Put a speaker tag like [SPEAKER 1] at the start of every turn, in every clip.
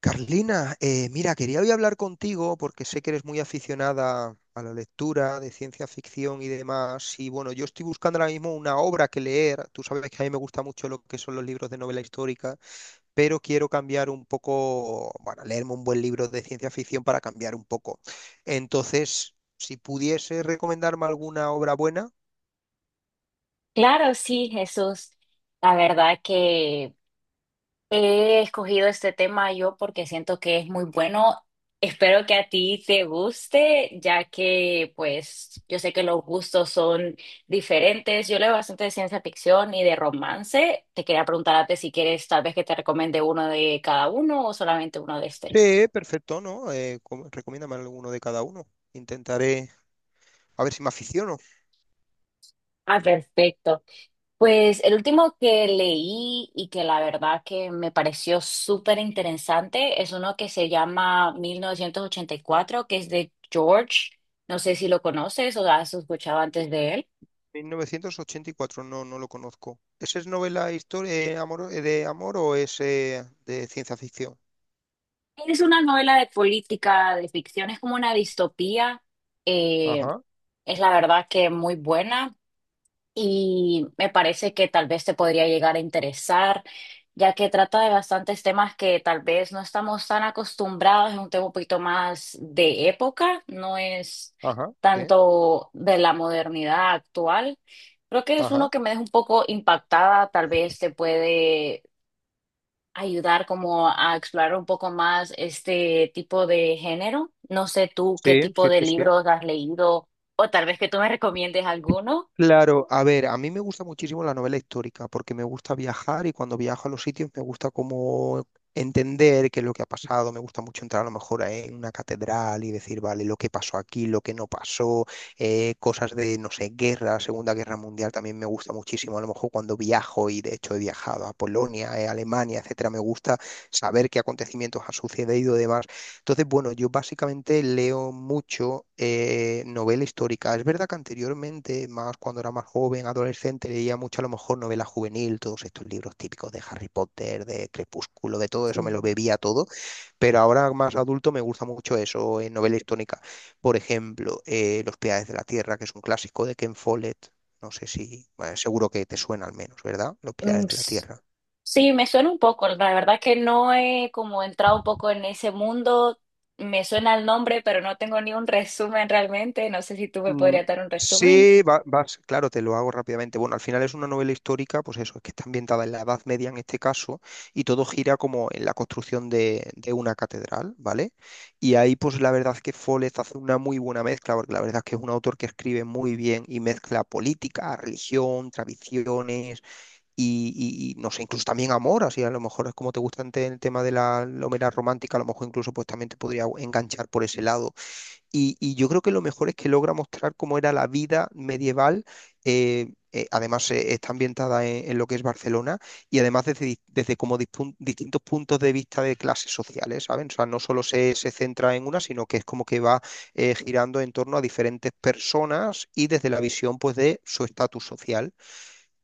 [SPEAKER 1] Carlina, mira, quería hoy hablar contigo porque sé que eres muy aficionada a la lectura de ciencia ficción y demás. Y bueno, yo estoy buscando ahora mismo una obra que leer. Tú sabes que a mí me gusta mucho lo que son los libros de novela histórica, pero quiero cambiar un poco, bueno, leerme un buen libro de ciencia ficción para cambiar un poco. Entonces, si pudiese recomendarme alguna obra buena,
[SPEAKER 2] Claro, sí, Jesús. La verdad que he escogido este tema yo porque siento que es muy bueno. Espero que a ti te guste, ya que pues yo sé que los gustos son diferentes. Yo leo bastante de ciencia ficción y de romance. Te quería preguntarte si quieres tal vez que te recomiende uno de cada uno o solamente uno de este.
[SPEAKER 1] sí, perfecto, ¿no? Recomiéndame alguno de cada uno. Intentaré a ver si me aficiono.
[SPEAKER 2] Ah, perfecto. Pues el último que leí y que la verdad que me pareció súper interesante es uno que se llama 1984, que es de George. No sé si lo conoces o has escuchado antes de él.
[SPEAKER 1] 1984, no, no lo conozco. ¿Ese es novela historia amor, de amor o es de ciencia ficción?
[SPEAKER 2] Es una novela de política, de ficción, es como una distopía. eh,
[SPEAKER 1] Ajá,
[SPEAKER 2] es la verdad que muy buena, y me parece que tal vez te podría llegar a interesar, ya que trata de bastantes temas que tal vez no estamos tan acostumbrados, es un tema un poquito más de época, no es
[SPEAKER 1] ajá, sí,
[SPEAKER 2] tanto de la modernidad actual. Creo que es uno
[SPEAKER 1] ajá,
[SPEAKER 2] que me deja un poco impactada, tal vez te puede ayudar como a explorar un poco más este tipo de género. No sé tú
[SPEAKER 1] sí,
[SPEAKER 2] qué tipo
[SPEAKER 1] sí,
[SPEAKER 2] de
[SPEAKER 1] sí, sí.
[SPEAKER 2] libros has leído o tal vez que tú me recomiendes alguno.
[SPEAKER 1] Claro, a ver, a mí me gusta muchísimo la novela histórica porque me gusta viajar y cuando viajo a los sitios me gusta como entender qué es lo que ha pasado, me gusta mucho entrar a lo mejor en una catedral y decir, vale, lo que pasó aquí, lo que no pasó, cosas de, no sé, guerra, Segunda Guerra Mundial también me gusta muchísimo, a lo mejor cuando viajo y de hecho he viajado a Polonia, Alemania, etcétera, me gusta saber qué acontecimientos han sucedido y demás. Entonces, bueno, yo básicamente leo mucho novela histórica. Es verdad que anteriormente, más cuando era más joven, adolescente, leía mucho a lo mejor novela juvenil, todos estos libros típicos de Harry Potter, de Crepúsculo, de todo eso, me lo
[SPEAKER 2] Sí.
[SPEAKER 1] bebía todo. Pero ahora más adulto me gusta mucho eso en novela histórica. Por ejemplo, Los Pilares de la Tierra, que es un clásico de Ken Follett. No sé si, bueno, seguro que te suena al menos, ¿verdad? Los
[SPEAKER 2] Mm,
[SPEAKER 1] Pilares de la Tierra.
[SPEAKER 2] sí, me suena un poco, la verdad que no he como entrado un poco en ese mundo, me suena el nombre, pero no tengo ni un resumen realmente, no sé si tú me
[SPEAKER 1] Mm,
[SPEAKER 2] podrías dar un resumen.
[SPEAKER 1] sí, vas, claro, te lo hago rápidamente. Bueno, al final es una novela histórica, pues eso, es que está ambientada en la Edad Media en este caso, y todo gira como en la construcción de una catedral, ¿vale? Y ahí, pues la verdad es que Follett hace una muy buena mezcla, porque la verdad es que es un autor que escribe muy bien y mezcla política, religión, tradiciones y no sé, incluso también amor, así a lo mejor es como te gusta el tema de la Homera romántica, a lo mejor incluso pues también te podría enganchar por ese lado y yo creo que lo mejor es que logra mostrar cómo era la vida medieval. Además, está ambientada en lo que es Barcelona y además desde como distintos puntos de vista de clases sociales, ¿saben? O sea, no solo se centra en una, sino que es como que va girando en torno a diferentes personas y desde la visión, pues, de su estatus social.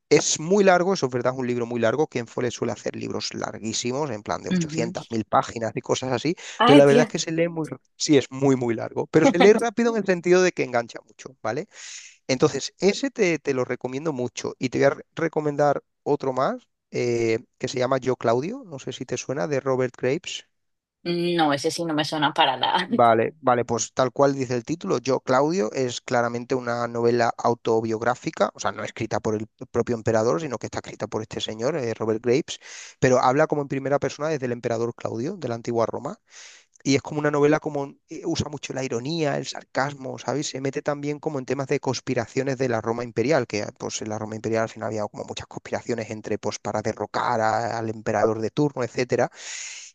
[SPEAKER 1] Es muy largo, eso es verdad, es un libro muy largo. Kenfole suele hacer libros larguísimos, en plan de
[SPEAKER 2] Ujú.
[SPEAKER 1] 800, 1000 páginas y cosas así, pero
[SPEAKER 2] Ay,
[SPEAKER 1] la verdad es
[SPEAKER 2] Dios.
[SPEAKER 1] que se lee muy, sí, es muy, muy largo, pero se lee rápido en el sentido de que engancha mucho, ¿vale? Entonces, ese te lo recomiendo mucho y te voy a recomendar otro más, que se llama Yo Claudio, no sé si te suena, de Robert Graves.
[SPEAKER 2] No, ese sí no me suena para nada.
[SPEAKER 1] Vale, vale, pues tal cual dice el título, Yo, Claudio, es claramente una novela autobiográfica, o sea, no escrita por el propio emperador, sino que está escrita por este señor, Robert Graves, pero habla como en primera persona desde el emperador Claudio de la antigua Roma. Y es como una novela como usa mucho la ironía, el sarcasmo, ¿sabes? Se mete también como en temas de conspiraciones de la Roma imperial, que pues en la Roma imperial al final había como muchas conspiraciones entre pues para derrocar al emperador de turno, etcétera.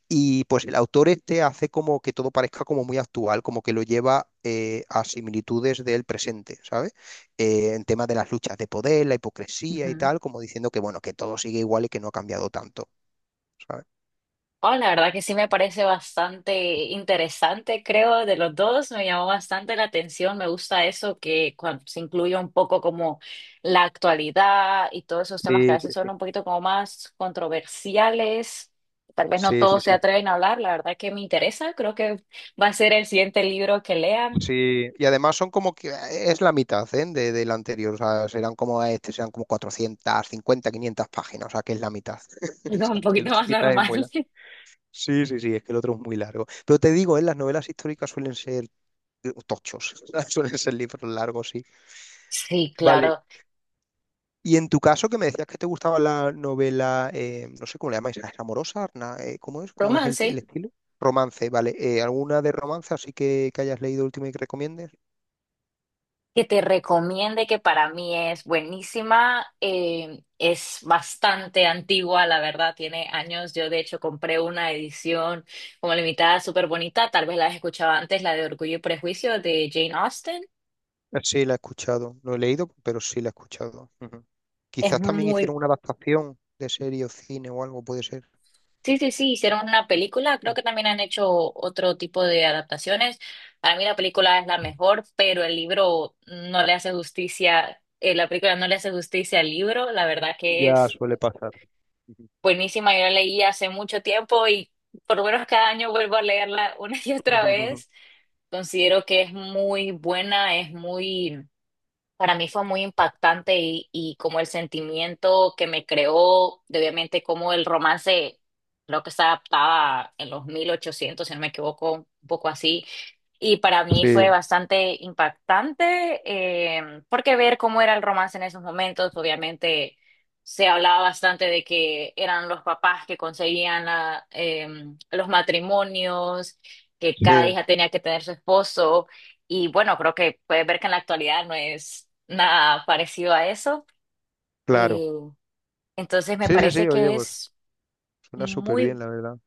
[SPEAKER 1] Y pues el autor este hace como que todo parezca como muy actual, como que lo lleva a similitudes del presente, ¿sabes? En temas de las luchas de poder, la hipocresía y
[SPEAKER 2] Ujú.
[SPEAKER 1] tal, como diciendo que bueno, que todo sigue igual y que no ha cambiado tanto, ¿sabes?
[SPEAKER 2] Oh, la verdad que sí me parece bastante interesante, creo, de los dos. Me llamó bastante la atención. Me gusta eso que se incluye un poco como la actualidad y todos esos temas que a
[SPEAKER 1] Sí, sí,
[SPEAKER 2] veces son
[SPEAKER 1] sí.
[SPEAKER 2] un poquito como más controversiales. Tal vez no
[SPEAKER 1] Sí, sí,
[SPEAKER 2] todos se
[SPEAKER 1] sí.
[SPEAKER 2] atreven a hablar. La verdad que me interesa. Creo que va a ser el siguiente libro que lean.
[SPEAKER 1] Sí, y además son como que es la mitad, ¿eh? De, del anterior, o sea, serán como este, serán como cuatrocientas, cincuenta, quinientas páginas, o sea, que es la mitad. O
[SPEAKER 2] Algo un
[SPEAKER 1] sea, que el
[SPEAKER 2] poquito
[SPEAKER 1] otro
[SPEAKER 2] más
[SPEAKER 1] quizás es
[SPEAKER 2] normal.
[SPEAKER 1] muy largo. Sí, sí, sí, es que el otro es muy largo. Pero te digo, ¿eh? Las novelas históricas suelen ser tochos, suelen ser libros largos, sí.
[SPEAKER 2] Sí,
[SPEAKER 1] Vale.
[SPEAKER 2] claro.
[SPEAKER 1] Y en tu caso, que me decías que te gustaba la novela, no sé cómo le llamáis, ¿es amorosa? ¿Arna? ¿Cómo es? ¿Cómo es
[SPEAKER 2] Romance.
[SPEAKER 1] el estilo? Romance, vale. ¿Alguna de romance así que hayas leído último y que recomiendes?
[SPEAKER 2] Que te recomiende, que para mí es buenísima, es bastante antigua, la verdad, tiene años. Yo de hecho compré una edición como limitada, súper bonita, tal vez la has escuchado antes, la de Orgullo y Prejuicio de Jane Austen.
[SPEAKER 1] Sí, la he escuchado. No he leído, pero sí la he escuchado. Ujú.
[SPEAKER 2] Es
[SPEAKER 1] Quizás también
[SPEAKER 2] muy...
[SPEAKER 1] hicieron una adaptación de serie o cine o algo, puede ser.
[SPEAKER 2] Sí, sí, sí, hicieron una película, creo que también han hecho otro tipo de adaptaciones. Para mí la película es la mejor, pero el libro no le hace justicia, la película no le hace justicia al libro, la verdad que
[SPEAKER 1] Ya
[SPEAKER 2] es
[SPEAKER 1] suele pasar. Ujú.
[SPEAKER 2] buenísima, yo la leí hace mucho tiempo y por lo menos cada año vuelvo a leerla una y otra vez. Considero que es muy buena, para mí fue muy impactante y como el sentimiento que me creó, de obviamente como el romance, creo que se adaptaba en los 1800, si no me equivoco, un poco así, y para mí fue
[SPEAKER 1] Sí,
[SPEAKER 2] bastante impactante, porque ver cómo era el romance en esos momentos, obviamente se hablaba bastante de que eran los papás que conseguían los matrimonios, que
[SPEAKER 1] sí,
[SPEAKER 2] cada hija tenía que tener su esposo, y bueno, creo que puedes ver que en la actualidad no es nada parecido a eso.
[SPEAKER 1] claro.
[SPEAKER 2] Eh, entonces me
[SPEAKER 1] Sí, sí,
[SPEAKER 2] parece
[SPEAKER 1] sí, oye,
[SPEAKER 2] que
[SPEAKER 1] pues
[SPEAKER 2] es
[SPEAKER 1] suena súper bien,
[SPEAKER 2] muy,
[SPEAKER 1] la verdad.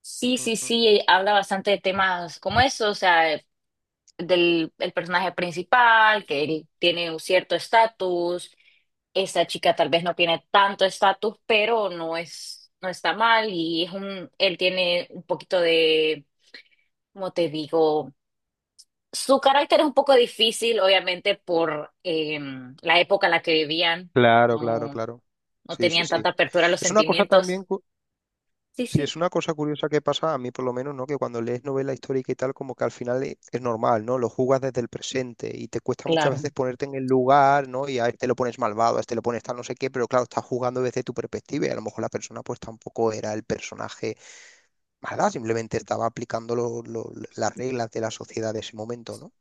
[SPEAKER 2] sí,
[SPEAKER 1] Mm,
[SPEAKER 2] sí,
[SPEAKER 1] mm, mm.
[SPEAKER 2] sí, habla bastante de temas como eso, o sea, del el personaje principal, que él tiene un cierto estatus, esta chica tal vez no tiene tanto estatus, pero no es, no está mal, y él tiene un poquito de, como te digo? Su carácter es un poco difícil, obviamente, por la época en la que vivían,
[SPEAKER 1] Claro, claro,
[SPEAKER 2] no,
[SPEAKER 1] claro.
[SPEAKER 2] no
[SPEAKER 1] Sí, sí,
[SPEAKER 2] tenían
[SPEAKER 1] sí.
[SPEAKER 2] tanta apertura a los
[SPEAKER 1] Es una cosa también.
[SPEAKER 2] sentimientos. Sí,
[SPEAKER 1] Sí,
[SPEAKER 2] sí.
[SPEAKER 1] es una cosa curiosa que pasa a mí por lo menos, ¿no? Que cuando lees novela histórica y tal, como que al final es normal, ¿no? Lo jugas desde el presente y te cuesta muchas
[SPEAKER 2] Claro.
[SPEAKER 1] veces ponerte en el lugar, ¿no? Y a este lo pones malvado, a este lo pones tal no sé qué, pero claro, estás jugando desde tu perspectiva y a lo mejor la persona pues tampoco era el personaje malvado, simplemente estaba aplicando las reglas de la sociedad de ese momento, ¿no?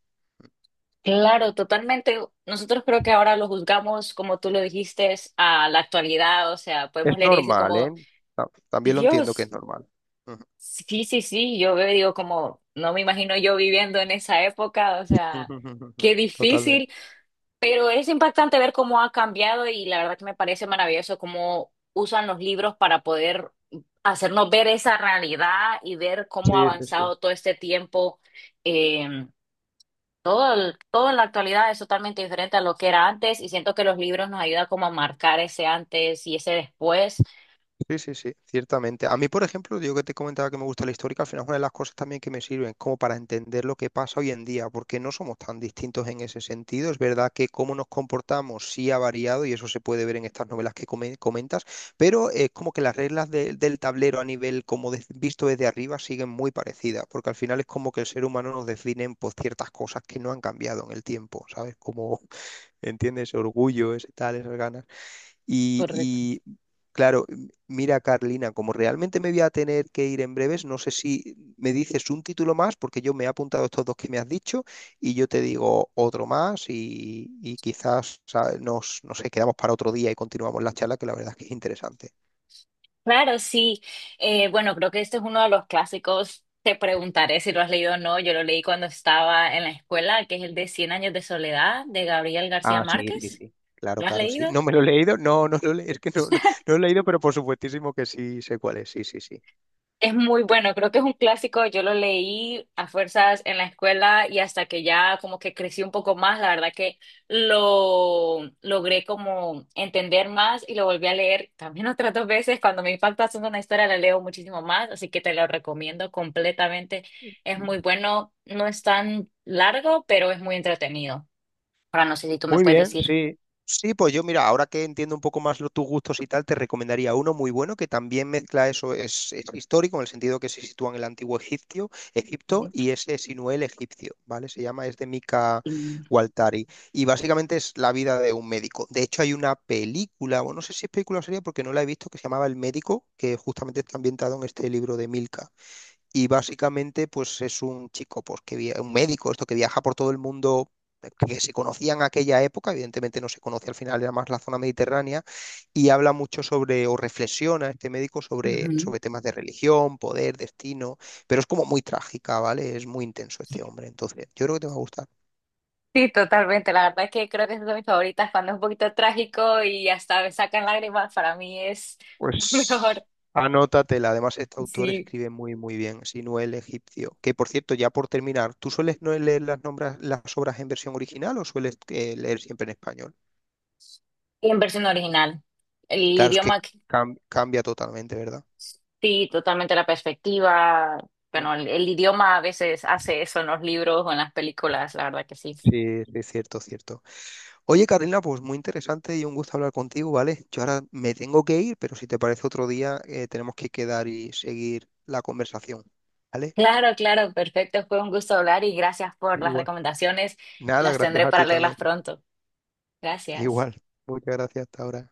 [SPEAKER 2] Claro, totalmente. Nosotros creo que ahora lo juzgamos, como tú lo dijiste, a la actualidad. O sea,
[SPEAKER 1] Es
[SPEAKER 2] podemos leer y decir
[SPEAKER 1] normal, ¿eh?
[SPEAKER 2] como, "Sí,
[SPEAKER 1] También lo entiendo que
[SPEAKER 2] Dios,
[SPEAKER 1] es normal. Ujú.
[SPEAKER 2] sí, sí, sí. Yo veo, y digo como, no me imagino yo viviendo en esa época. O sea, qué
[SPEAKER 1] Totalmente.
[SPEAKER 2] difícil." Pero es impactante ver cómo ha cambiado y la verdad que me parece maravilloso cómo usan los libros para poder hacernos ver esa realidad y ver
[SPEAKER 1] Sí,
[SPEAKER 2] cómo ha
[SPEAKER 1] sí, sí.
[SPEAKER 2] avanzado todo este tiempo. em, Todo en la actualidad es totalmente diferente a lo que era antes y siento que los libros nos ayudan como a marcar ese antes y ese después.
[SPEAKER 1] Sí, sí, sí, ciertamente. A mí, por ejemplo, digo que te comentaba que me gusta la histórica, al final es una de las cosas también que me sirven como para entender lo que pasa hoy en día, porque no somos tan distintos en ese sentido. Es verdad que cómo nos comportamos sí ha variado y eso se puede ver en estas novelas que comentas, pero es como que las reglas del tablero a nivel como visto desde arriba siguen muy parecidas, porque al final es como que el ser humano nos define por ciertas cosas que no han cambiado en el tiempo, ¿sabes? Como, ¿entiendes? Orgullo, ese tal, esas ganas.
[SPEAKER 2] Correcto.
[SPEAKER 1] Y, claro, mira Carlina, como realmente me voy a tener que ir en breves, no sé si me dices un título más, porque yo me he apuntado estos dos que me has dicho y yo te digo otro más y quizás ¿sabes? Nos, no sé, quedamos para otro día y continuamos la charla, que la verdad es que es interesante.
[SPEAKER 2] Claro, sí. Bueno, creo que este es uno de los clásicos. Te preguntaré si lo has leído o no. Yo lo leí cuando estaba en la escuela, que es el de Cien años de soledad de Gabriel García
[SPEAKER 1] Ah, sí, sí,
[SPEAKER 2] Márquez.
[SPEAKER 1] sí. Claro,
[SPEAKER 2] ¿Lo has
[SPEAKER 1] claro, sí.
[SPEAKER 2] leído?
[SPEAKER 1] No me lo he leído, no, no lo he, es que no, no, no lo he leído, pero por supuestísimo que sí sé cuál es, sí, sí, sí.
[SPEAKER 2] Es muy bueno, creo que es un clásico, yo lo leí a fuerzas en la escuela y hasta que ya como que crecí un poco más, la verdad que lo logré como entender más y lo volví a leer también otras dos veces, cuando me impacta haciendo una historia la leo muchísimo más, así que te lo recomiendo completamente, es muy bueno, no es tan largo, pero es muy entretenido. Ahora no sé si tú me
[SPEAKER 1] Muy
[SPEAKER 2] puedes
[SPEAKER 1] bien,
[SPEAKER 2] decir.
[SPEAKER 1] sí. Sí, pues yo mira, ahora que entiendo un poco más tus gustos y tal, te recomendaría uno muy bueno que también mezcla eso, es histórico en el sentido que se sitúa en el antiguo Egipcio, Egipto y es Sinué el egipcio, ¿vale? Se llama, es de Mika Waltari, y básicamente es la vida de un médico. De hecho hay una película, bueno, no sé si es película o serie porque no la he visto, que se llamaba El Médico, que justamente está ambientado en este libro de Milka. Y básicamente, pues es un chico, pues un médico, esto que viaja por todo el mundo, que se conocía en aquella época, evidentemente no se conoce al final, era más la zona mediterránea, y habla mucho sobre, o reflexiona este médico sobre,
[SPEAKER 2] Ujú.
[SPEAKER 1] sobre temas de religión, poder, destino, pero es como muy trágica, ¿vale? Es muy intenso este hombre, entonces yo creo que te va a gustar.
[SPEAKER 2] Sí, totalmente. La verdad es que creo que esas son mis favoritas cuando es un poquito trágico y hasta me sacan lágrimas. Para mí es lo mejor.
[SPEAKER 1] Pues anótatela. Además, este autor
[SPEAKER 2] Sí.
[SPEAKER 1] escribe muy, muy bien. Sinuel egipcio. Que por cierto, ya por terminar, ¿tú sueles no leer las, nombras, las obras en versión original o sueles leer siempre en español?
[SPEAKER 2] Y en versión original. El
[SPEAKER 1] Claro, es que
[SPEAKER 2] idioma,
[SPEAKER 1] cambia totalmente, ¿verdad?
[SPEAKER 2] sí, totalmente la perspectiva.
[SPEAKER 1] Mm.
[SPEAKER 2] Bueno, el idioma a veces hace eso en los libros o en las películas, la verdad que sí.
[SPEAKER 1] Sí, sí, cierto, cierto. Oye, Carolina, pues muy interesante y un gusto hablar contigo, ¿vale? Yo ahora me tengo que ir, pero si te parece otro día, tenemos que quedar y seguir la conversación, ¿vale?
[SPEAKER 2] Claro, claro, perfecto. Fue un gusto hablar y gracias por las
[SPEAKER 1] Igual.
[SPEAKER 2] recomendaciones.
[SPEAKER 1] Nada,
[SPEAKER 2] Las
[SPEAKER 1] gracias
[SPEAKER 2] tendré
[SPEAKER 1] a
[SPEAKER 2] para
[SPEAKER 1] ti también.
[SPEAKER 2] leerlas pronto. Gracias.
[SPEAKER 1] Igual. Muchas gracias hasta ahora.